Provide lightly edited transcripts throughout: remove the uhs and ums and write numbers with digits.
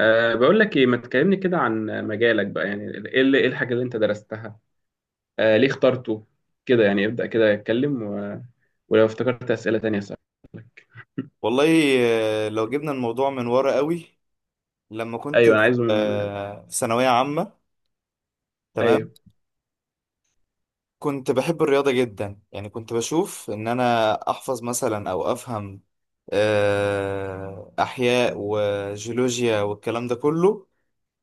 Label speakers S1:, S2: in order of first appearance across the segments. S1: بقول لك ايه، ما تكلمني كده عن مجالك بقى. يعني ايه الحاجة اللي انت درستها؟ ليه اخترته؟ كده يعني ابدأ كده اتكلم ولو افتكرت أسئلة تانية، صح.
S2: والله، لو جبنا الموضوع من ورا قوي. لما كنت
S1: ايوه، انا
S2: في
S1: عايزه من
S2: في ثانوية عامة، تمام،
S1: ايوه.
S2: كنت بحب الرياضة جدا. يعني كنت بشوف ان انا احفظ مثلا او افهم احياء وجيولوجيا والكلام ده كله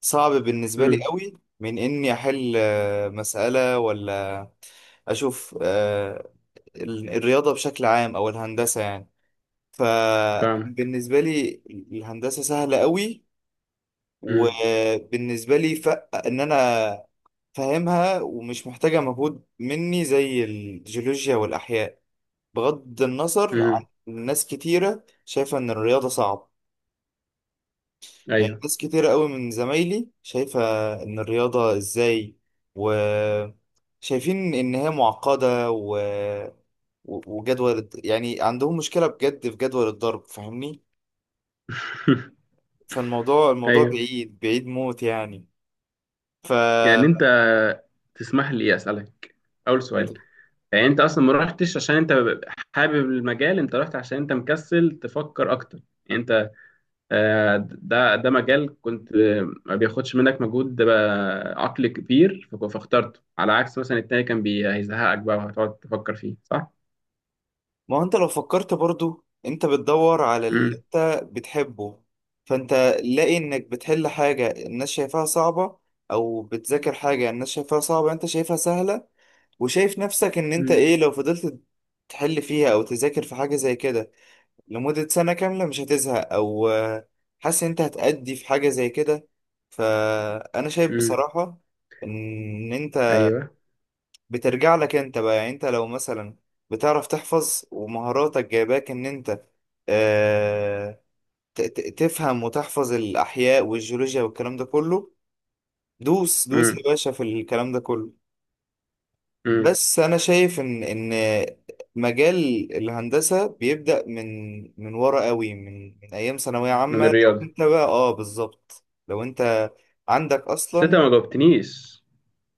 S2: صعب بالنسبة لي
S1: امم.
S2: قوي، من اني احل مسألة، ولا اشوف الرياضة بشكل عام او الهندسة يعني.
S1: فاهمك.
S2: فبالنسبة لي الهندسة سهلة قوي.
S1: امم.
S2: وبالنسبة لي ف إن أنا فاهمها ومش محتاجة مجهود مني زي الجيولوجيا والأحياء، بغض النظر عن
S1: امم.
S2: ناس كتيرة شايفة إن الرياضة صعب. يعني
S1: ايوه.
S2: ناس كتيرة قوي من زمايلي شايفة إن الرياضة إزاي، وشايفين إن هي معقدة و... وجدول، يعني عندهم مشكلة بجد في جدول الضرب، فاهمني. فالموضوع
S1: ايوه.
S2: بعيد بعيد موت يعني. ف
S1: يعني انت. تسمح لي اسألك. اول سؤال. يعني انت اصلا ما رحتش عشان انت حابب المجال، انت رحت عشان انت مكسل تفكر اكتر يعني. ده مجال كنت ما بياخدش منك مجهود عقلي كبير، فاخترته على عكس مثلا التاني كان هيزهقك بقى وهتقعد تفكر فيه، صح؟
S2: ما هو انت لو فكرت برضو انت بتدور على اللي
S1: امم.
S2: انت بتحبه. فانت لاقي انك بتحل حاجة الناس شايفاها صعبة، او بتذاكر حاجة الناس شايفاها صعبة انت شايفها سهلة، وشايف نفسك ان انت
S1: امم.
S2: ايه لو فضلت تحل فيها او تذاكر في حاجة زي كده لمدة سنة كاملة، مش هتزهق، او حاسس ان انت هتأدي في حاجة زي كده. فانا شايف
S1: امم.
S2: بصراحة ان انت
S1: ايوه.
S2: بترجع لك انت بقى. يعني انت لو مثلا بتعرف تحفظ ومهاراتك جايباك ان انت آه تفهم وتحفظ الاحياء والجيولوجيا والكلام ده كله، دوس دوس يا
S1: امم.
S2: باشا في الكلام ده كله.
S1: امم.
S2: بس انا شايف ان مجال الهندسة بيبدأ من ورا قوي، من ايام ثانوية عامة
S1: من
S2: لو
S1: الرياضة.
S2: انت بقى اه بالظبط، لو انت عندك
S1: بس انت
S2: اصلا.
S1: ما جاوبتنيش.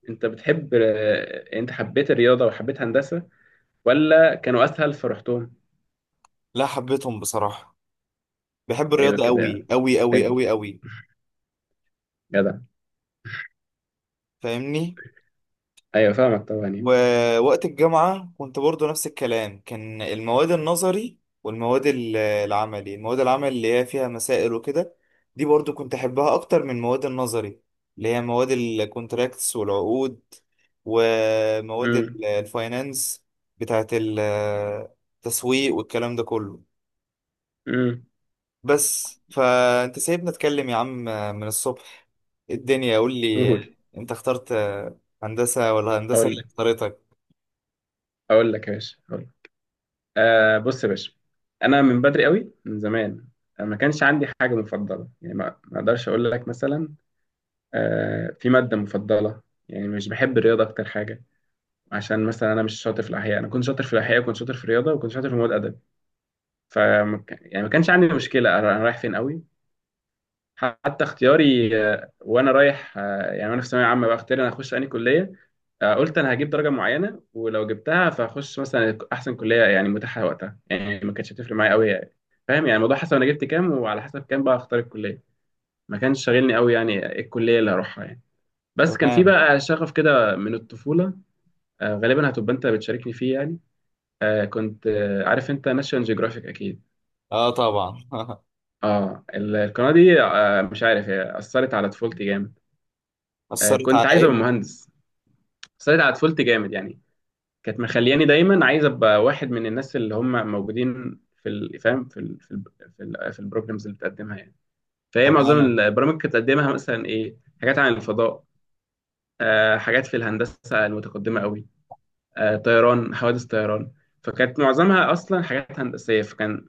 S1: انت بتحب آه، انت حبيت الرياضة وحبيت هندسة، ولا كانوا اسهل فرحتهم؟
S2: لا حبيتهم بصراحة، بحب
S1: ايوه
S2: الرياضة قوي
S1: كده.
S2: قوي قوي
S1: فادني.
S2: قوي قوي،
S1: جدع.
S2: فاهمني.
S1: ايوه فاهمك طبعا يعني.
S2: ووقت الجامعة كنت برضو نفس الكلام، كان المواد النظري، والمواد العملي، المواد العمل اللي هي فيها مسائل وكده، دي برضو كنت أحبها أكتر من المواد النظري اللي هي مواد الكونتراكتس والعقود، ومواد
S1: امم.
S2: الفاينانس بتاعت التسويق والكلام ده كله.
S1: امم.
S2: بس فأنت سايبني أتكلم يا عم من الصبح، الدنيا، قول لي،
S1: قول.
S2: أنت اخترت هندسة ولا هندسة
S1: اقول
S2: اللي
S1: لك
S2: اختارتك؟
S1: اقول لك يا باشا. بص يا باشا، انا من بدري قوي من زمان. ما كانش عندي حاجه مفضله، يعني ما اقدرش اقول لك مثلا في ماده مفضله. يعني مش بحب الرياضه اكتر حاجه، عشان مثلا انا مش شاطر في الاحياء. انا كنت شاطر في الاحياء وكنت شاطر في الرياضه وكنت شاطر في مواد ادب. ف يعني ما كانش عندي مشكله انا رايح فين قوي. حتى اختياري وانا رايح يعني وانا في ثانويه عامه بقى، اختياري انا اخش انهي كليه. قلت انا هجيب درجه معينه، ولو جبتها فهخش مثلا احسن كليه يعني متاحه وقتها. يعني ما كانتش هتفرق معايا قوي يعني. فاهم؟ يعني الموضوع حسب انا جبت كام، وعلى حسب كام بقى اختار الكليه. ما كانش شاغلني قوي يعني إيه الكليه اللي هروحها يعني. بس كان في
S2: تمام.
S1: بقى شغف كده من الطفوله. غالبا هتبقى انت بتشاركني فيه يعني. كنت عارف انت ناشيونال جيوغرافيك اكيد.
S2: اه طبعا.
S1: اه، القناه دي مش عارف هي اثرت على طفولتي جامد.
S2: اثرت على
S1: كنت عايز ابقى
S2: ايه؟
S1: مهندس. بس أنا على طفولتي جامد يعني. كانت مخلياني دايما عايز ابقى واحد من الناس اللي هم موجودين في فاهم في البروجرامز اللي بتقدمها يعني. فهي معظم
S2: تمام.
S1: البرامج اللي بتقدمها مثلا ايه، حاجات عن الفضاء، حاجات في الهندسه المتقدمه قوي، طيران، حوادث طيران. فكانت معظمها اصلا حاجات هندسيه، فكان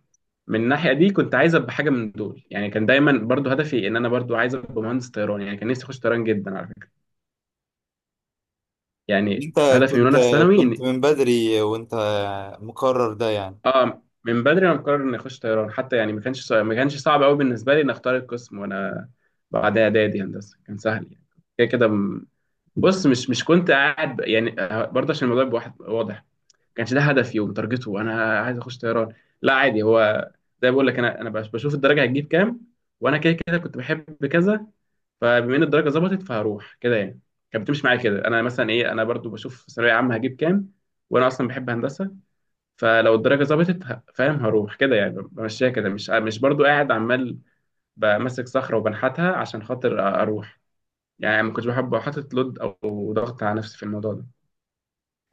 S1: من الناحيه دي كنت عايز ابقى حاجه من دول. يعني كان دايما برضو هدفي ان انا برضو عايز ابقى مهندس طيران. يعني كان نفسي اخش طيران جدا على فكره. يعني
S2: انت
S1: هدفي من
S2: كنت،
S1: وانا في
S2: كنت
S1: ثانوي.
S2: من بدري وانت مقرر ده يعني؟
S1: اه من بدري انا مقرر اني اخش طيران حتى، يعني ما كانش صعب، ما كانش صعب قوي بالنسبه لي ان اختار القسم. وانا بعد اعدادي هندسه كان سهل يعني. كده كده بص، مش كنت قاعد يعني برضه عشان الموضوع يبقى واحد واضح. ما كانش ده هدفي ومتارجته انا عايز اخش طيران، لا عادي هو. زي ما بقول لك، انا بشوف الدرجه هتجيب كام، وانا كده كده كنت بحب كذا. فبما ان الدرجه ظبطت فهروح كده يعني. كانت بتمشي معايا كده، انا مثلا ايه، انا برضو بشوف ثانويه عامه هجيب كام، وانا اصلا بحب هندسه. فلو الدرجه ظبطت فاهم، هروح كده يعني. بمشيها كده، مش برضو قاعد عمال بمسك صخره وبنحتها عشان خاطر اروح. يعني ما كنتش بحب احط لود او ضغط على نفسي في الموضوع ده.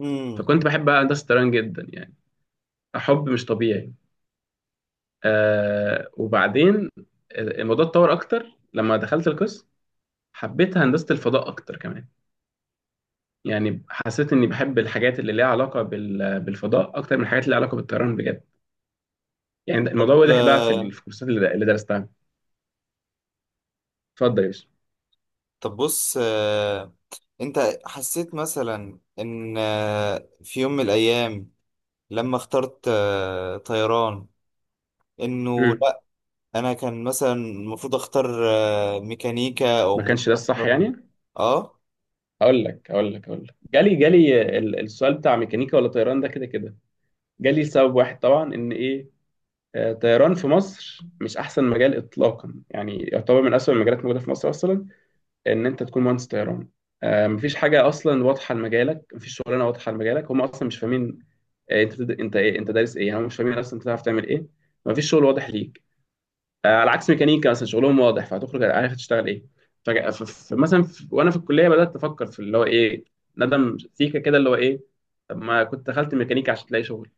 S2: امم.
S1: فكنت بحب بقى هندسه الطيران جدا يعني، حب مش طبيعي. وبعدين الموضوع اتطور اكتر لما دخلت القسم، حبيت هندسه الفضاء اكتر كمان. يعني حسيت اني بحب الحاجات اللي ليها علاقه بالفضاء اكتر من الحاجات اللي ليها علاقه بالطيران، بجد. يعني الموضوع
S2: طب
S1: واضح بقى في في الكورسات اللي درستها. اتفضل يا باشا.
S2: طب بص انت حسيت مثلا ان في يوم من الايام، لما اخترت طيران، انه
S1: امم.
S2: لا انا كان مثلا المفروض اختار ميكانيكا، او
S1: ما كانش ده
S2: المفروض
S1: الصح
S2: اختار؟
S1: يعني.
S2: اه.
S1: اقول لك جالي السؤال بتاع ميكانيكا ولا طيران. ده كده كده جالي سبب واحد طبعا، ان ايه، طيران في مصر مش احسن مجال اطلاقا. يعني يعتبر من اسوأ المجالات الموجوده في مصر اصلا ان انت تكون مهندس طيران. مفيش حاجه اصلا واضحه لمجالك، مفيش شغلانه واضحه لمجالك، هم اصلا مش فاهمين. انت دارس ايه يعني، هم مش فاهمين اصلا انت تعرف تعمل ايه. مفيش شغل واضح ليك. على عكس ميكانيكا مثلا، شغلهم واضح، فهتخرج عارف هتشتغل ايه. مثلا وانا في الكليه بدات افكر في اللي هو ايه، ندم سيكه كده، اللي هو ايه، طب ما كنت دخلت ميكانيكا عشان تلاقي شغل.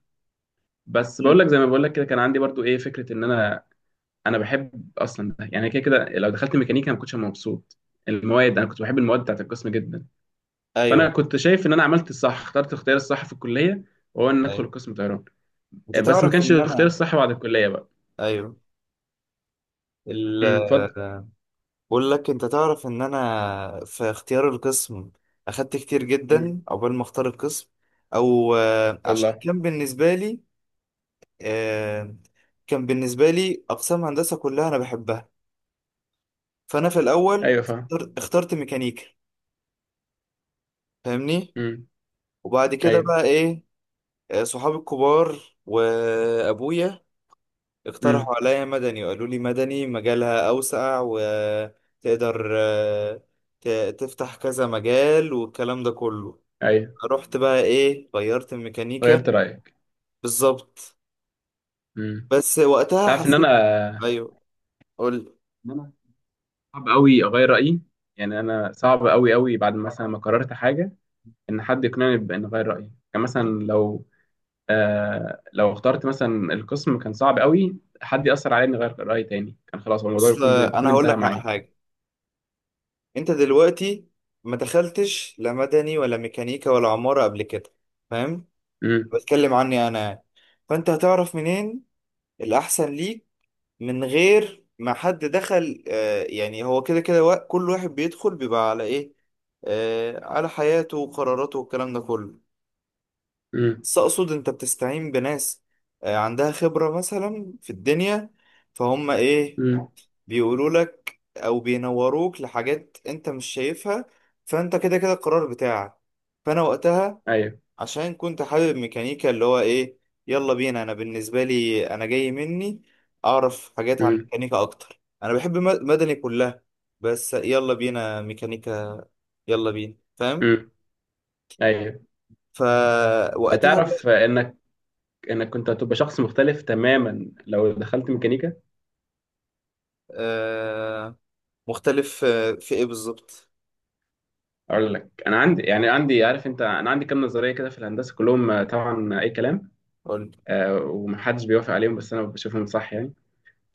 S1: بس بقول
S2: مم.
S1: لك، زي ما بقول لك كده، كان عندي برضو ايه فكره ان انا، انا بحب اصلا ده يعني. كده كده لو دخلت ميكانيكا ما كنتش هبقى مبسوط. المواد، انا كنت بحب المواد بتاعت القسم جدا. فانا
S2: ايوه.
S1: كنت شايف ان انا عملت الصح، اخترت الاختيار الصح في الكليه، وهو ان
S2: ايوه
S1: ادخل قسم طيران.
S2: انت
S1: بس ما
S2: تعرف
S1: كانش
S2: ان
S1: الاختيار
S2: انا.
S1: الصح بعد الكليه بقى.
S2: ايوه ال
S1: امم. اتفضل.
S2: بقول لك، انت تعرف ان انا في اختيار القسم اخدت كتير
S1: امم.
S2: جدا عقبال ما اختار القسم. او عشان
S1: والله.
S2: كان بالنسبه لي آه، كان بالنسبه لي اقسام هندسه كلها انا بحبها. فانا في الاول
S1: ايوه فاهم.
S2: اخترت ميكانيكا، فاهمني.
S1: امم.
S2: وبعد كده
S1: ايوه.
S2: بقى ايه، صحابي الكبار وابويا اقترحوا
S1: امم.
S2: عليا مدني، وقالوا لي مدني مجالها اوسع وتقدر تفتح كذا مجال والكلام ده كله.
S1: ايوه.
S2: رحت بقى ايه، غيرت
S1: غيرت
S2: الميكانيكا.
S1: رايك.
S2: بالظبط.
S1: امم.
S2: بس وقتها
S1: تعرف ان
S2: حسيت،
S1: انا.
S2: ايوه، قول.
S1: ان انا صعب قوي اغير رايي، يعني انا صعب قوي قوي بعد مثلا ما قررت حاجه، ان حد يقنعني بان اغير رايي. يعني مثلا لو لو اخترت مثلا القسم، كان صعب قوي حد ياثر عليا اني اغير رايي تاني، كان خلاص هو الموضوع
S2: اصل
S1: بيكون
S2: انا
S1: بيكون
S2: هقول
S1: انتهى
S2: لك على
S1: معايا.
S2: حاجه. انت دلوقتي ما دخلتش لا مدني ولا ميكانيكا ولا عماره قبل كده، فاهم؟
S1: امم.
S2: بتكلم عني انا يعني. فانت هتعرف منين الاحسن ليك من غير ما حد دخل؟ آه يعني هو كده كده، كل واحد بيدخل بيبقى على ايه، آه على حياته وقراراته والكلام ده كله.
S1: امم.
S2: بس اقصد انت بتستعين بناس عندها خبرة مثلا في الدنيا، فهم ايه،
S1: امم.
S2: بيقولوا لك او بينوروك لحاجات انت مش شايفها. فانت كده كده القرار بتاعك. فانا وقتها
S1: ايوه.
S2: عشان كنت حابب ميكانيكا، اللي هو ايه، يلا بينا. انا بالنسبة لي انا جاي مني اعرف حاجات عن
S1: امم.
S2: ميكانيكا اكتر، انا بحب مدني كلها، بس يلا بينا ميكانيكا، يلا بينا، فاهم.
S1: امم. ايوه.
S2: فوقتها بقى
S1: تعرف انك. انك كنت هتبقى شخص مختلف تماما لو دخلت ميكانيكا.
S2: آه، مختلف في ايه بالظبط؟
S1: اقول لك. انا عندي يعني عندي عارف انت، انا عندي كام نظريه كده في الهندسه كلهم، طبعا اي كلام.
S2: قول لي.
S1: ومحدش بيوافق عليهم بس انا بشوفهم صح يعني.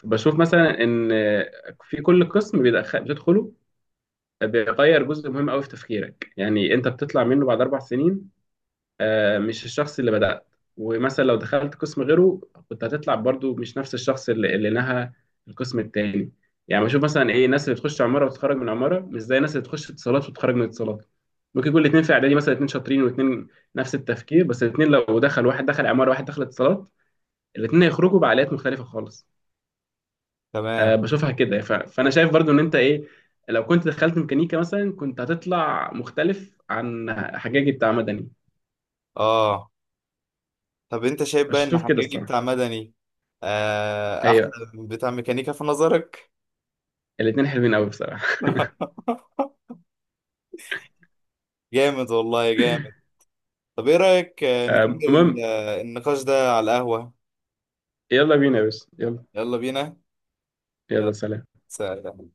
S1: بشوف مثلا ان في كل قسم بتدخله بيغير جزء مهم قوي في تفكيرك. يعني انت بتطلع منه بعد 4 سنين مش الشخص اللي بدأت. ومثلا لو دخلت قسم غيره كنت هتطلع برضو مش نفس الشخص اللي نهى القسم التاني. يعني بشوف مثلا، ايه، الناس اللي تخش عمارة وتتخرج من عمارة مش زي الناس اللي تخش اتصالات وتتخرج من اتصالات. ممكن يكون الاتنين في اعدادي مثلا اتنين شاطرين، واتنين نفس التفكير، بس الاتنين لو دخل واحد دخل عمارة واحد دخل اتصالات، الاتنين هيخرجوا بعقليات مختلفة خالص.
S2: تمام.
S1: بشوفها كده فانا شايف برضو ان انت ايه، لو كنت دخلت ميكانيكا مثلا كنت هتطلع مختلف عن حجاجي بتاع مدني.
S2: اه طب انت شايف بقى ان
S1: بشوف كده
S2: حجاجي
S1: الصراحة.
S2: بتاع مدني احلى
S1: ايوه.
S2: من بتاع ميكانيكا في نظرك؟
S1: الاتنين حلوين قوي بصراحة.
S2: جامد والله جامد. طب ايه رأيك نكمل
S1: المهم،
S2: النقاش ده على القهوة؟
S1: يلا بينا بس، يلا.
S2: يلا بينا.
S1: يلا
S2: يلا
S1: سلام.
S2: سلام.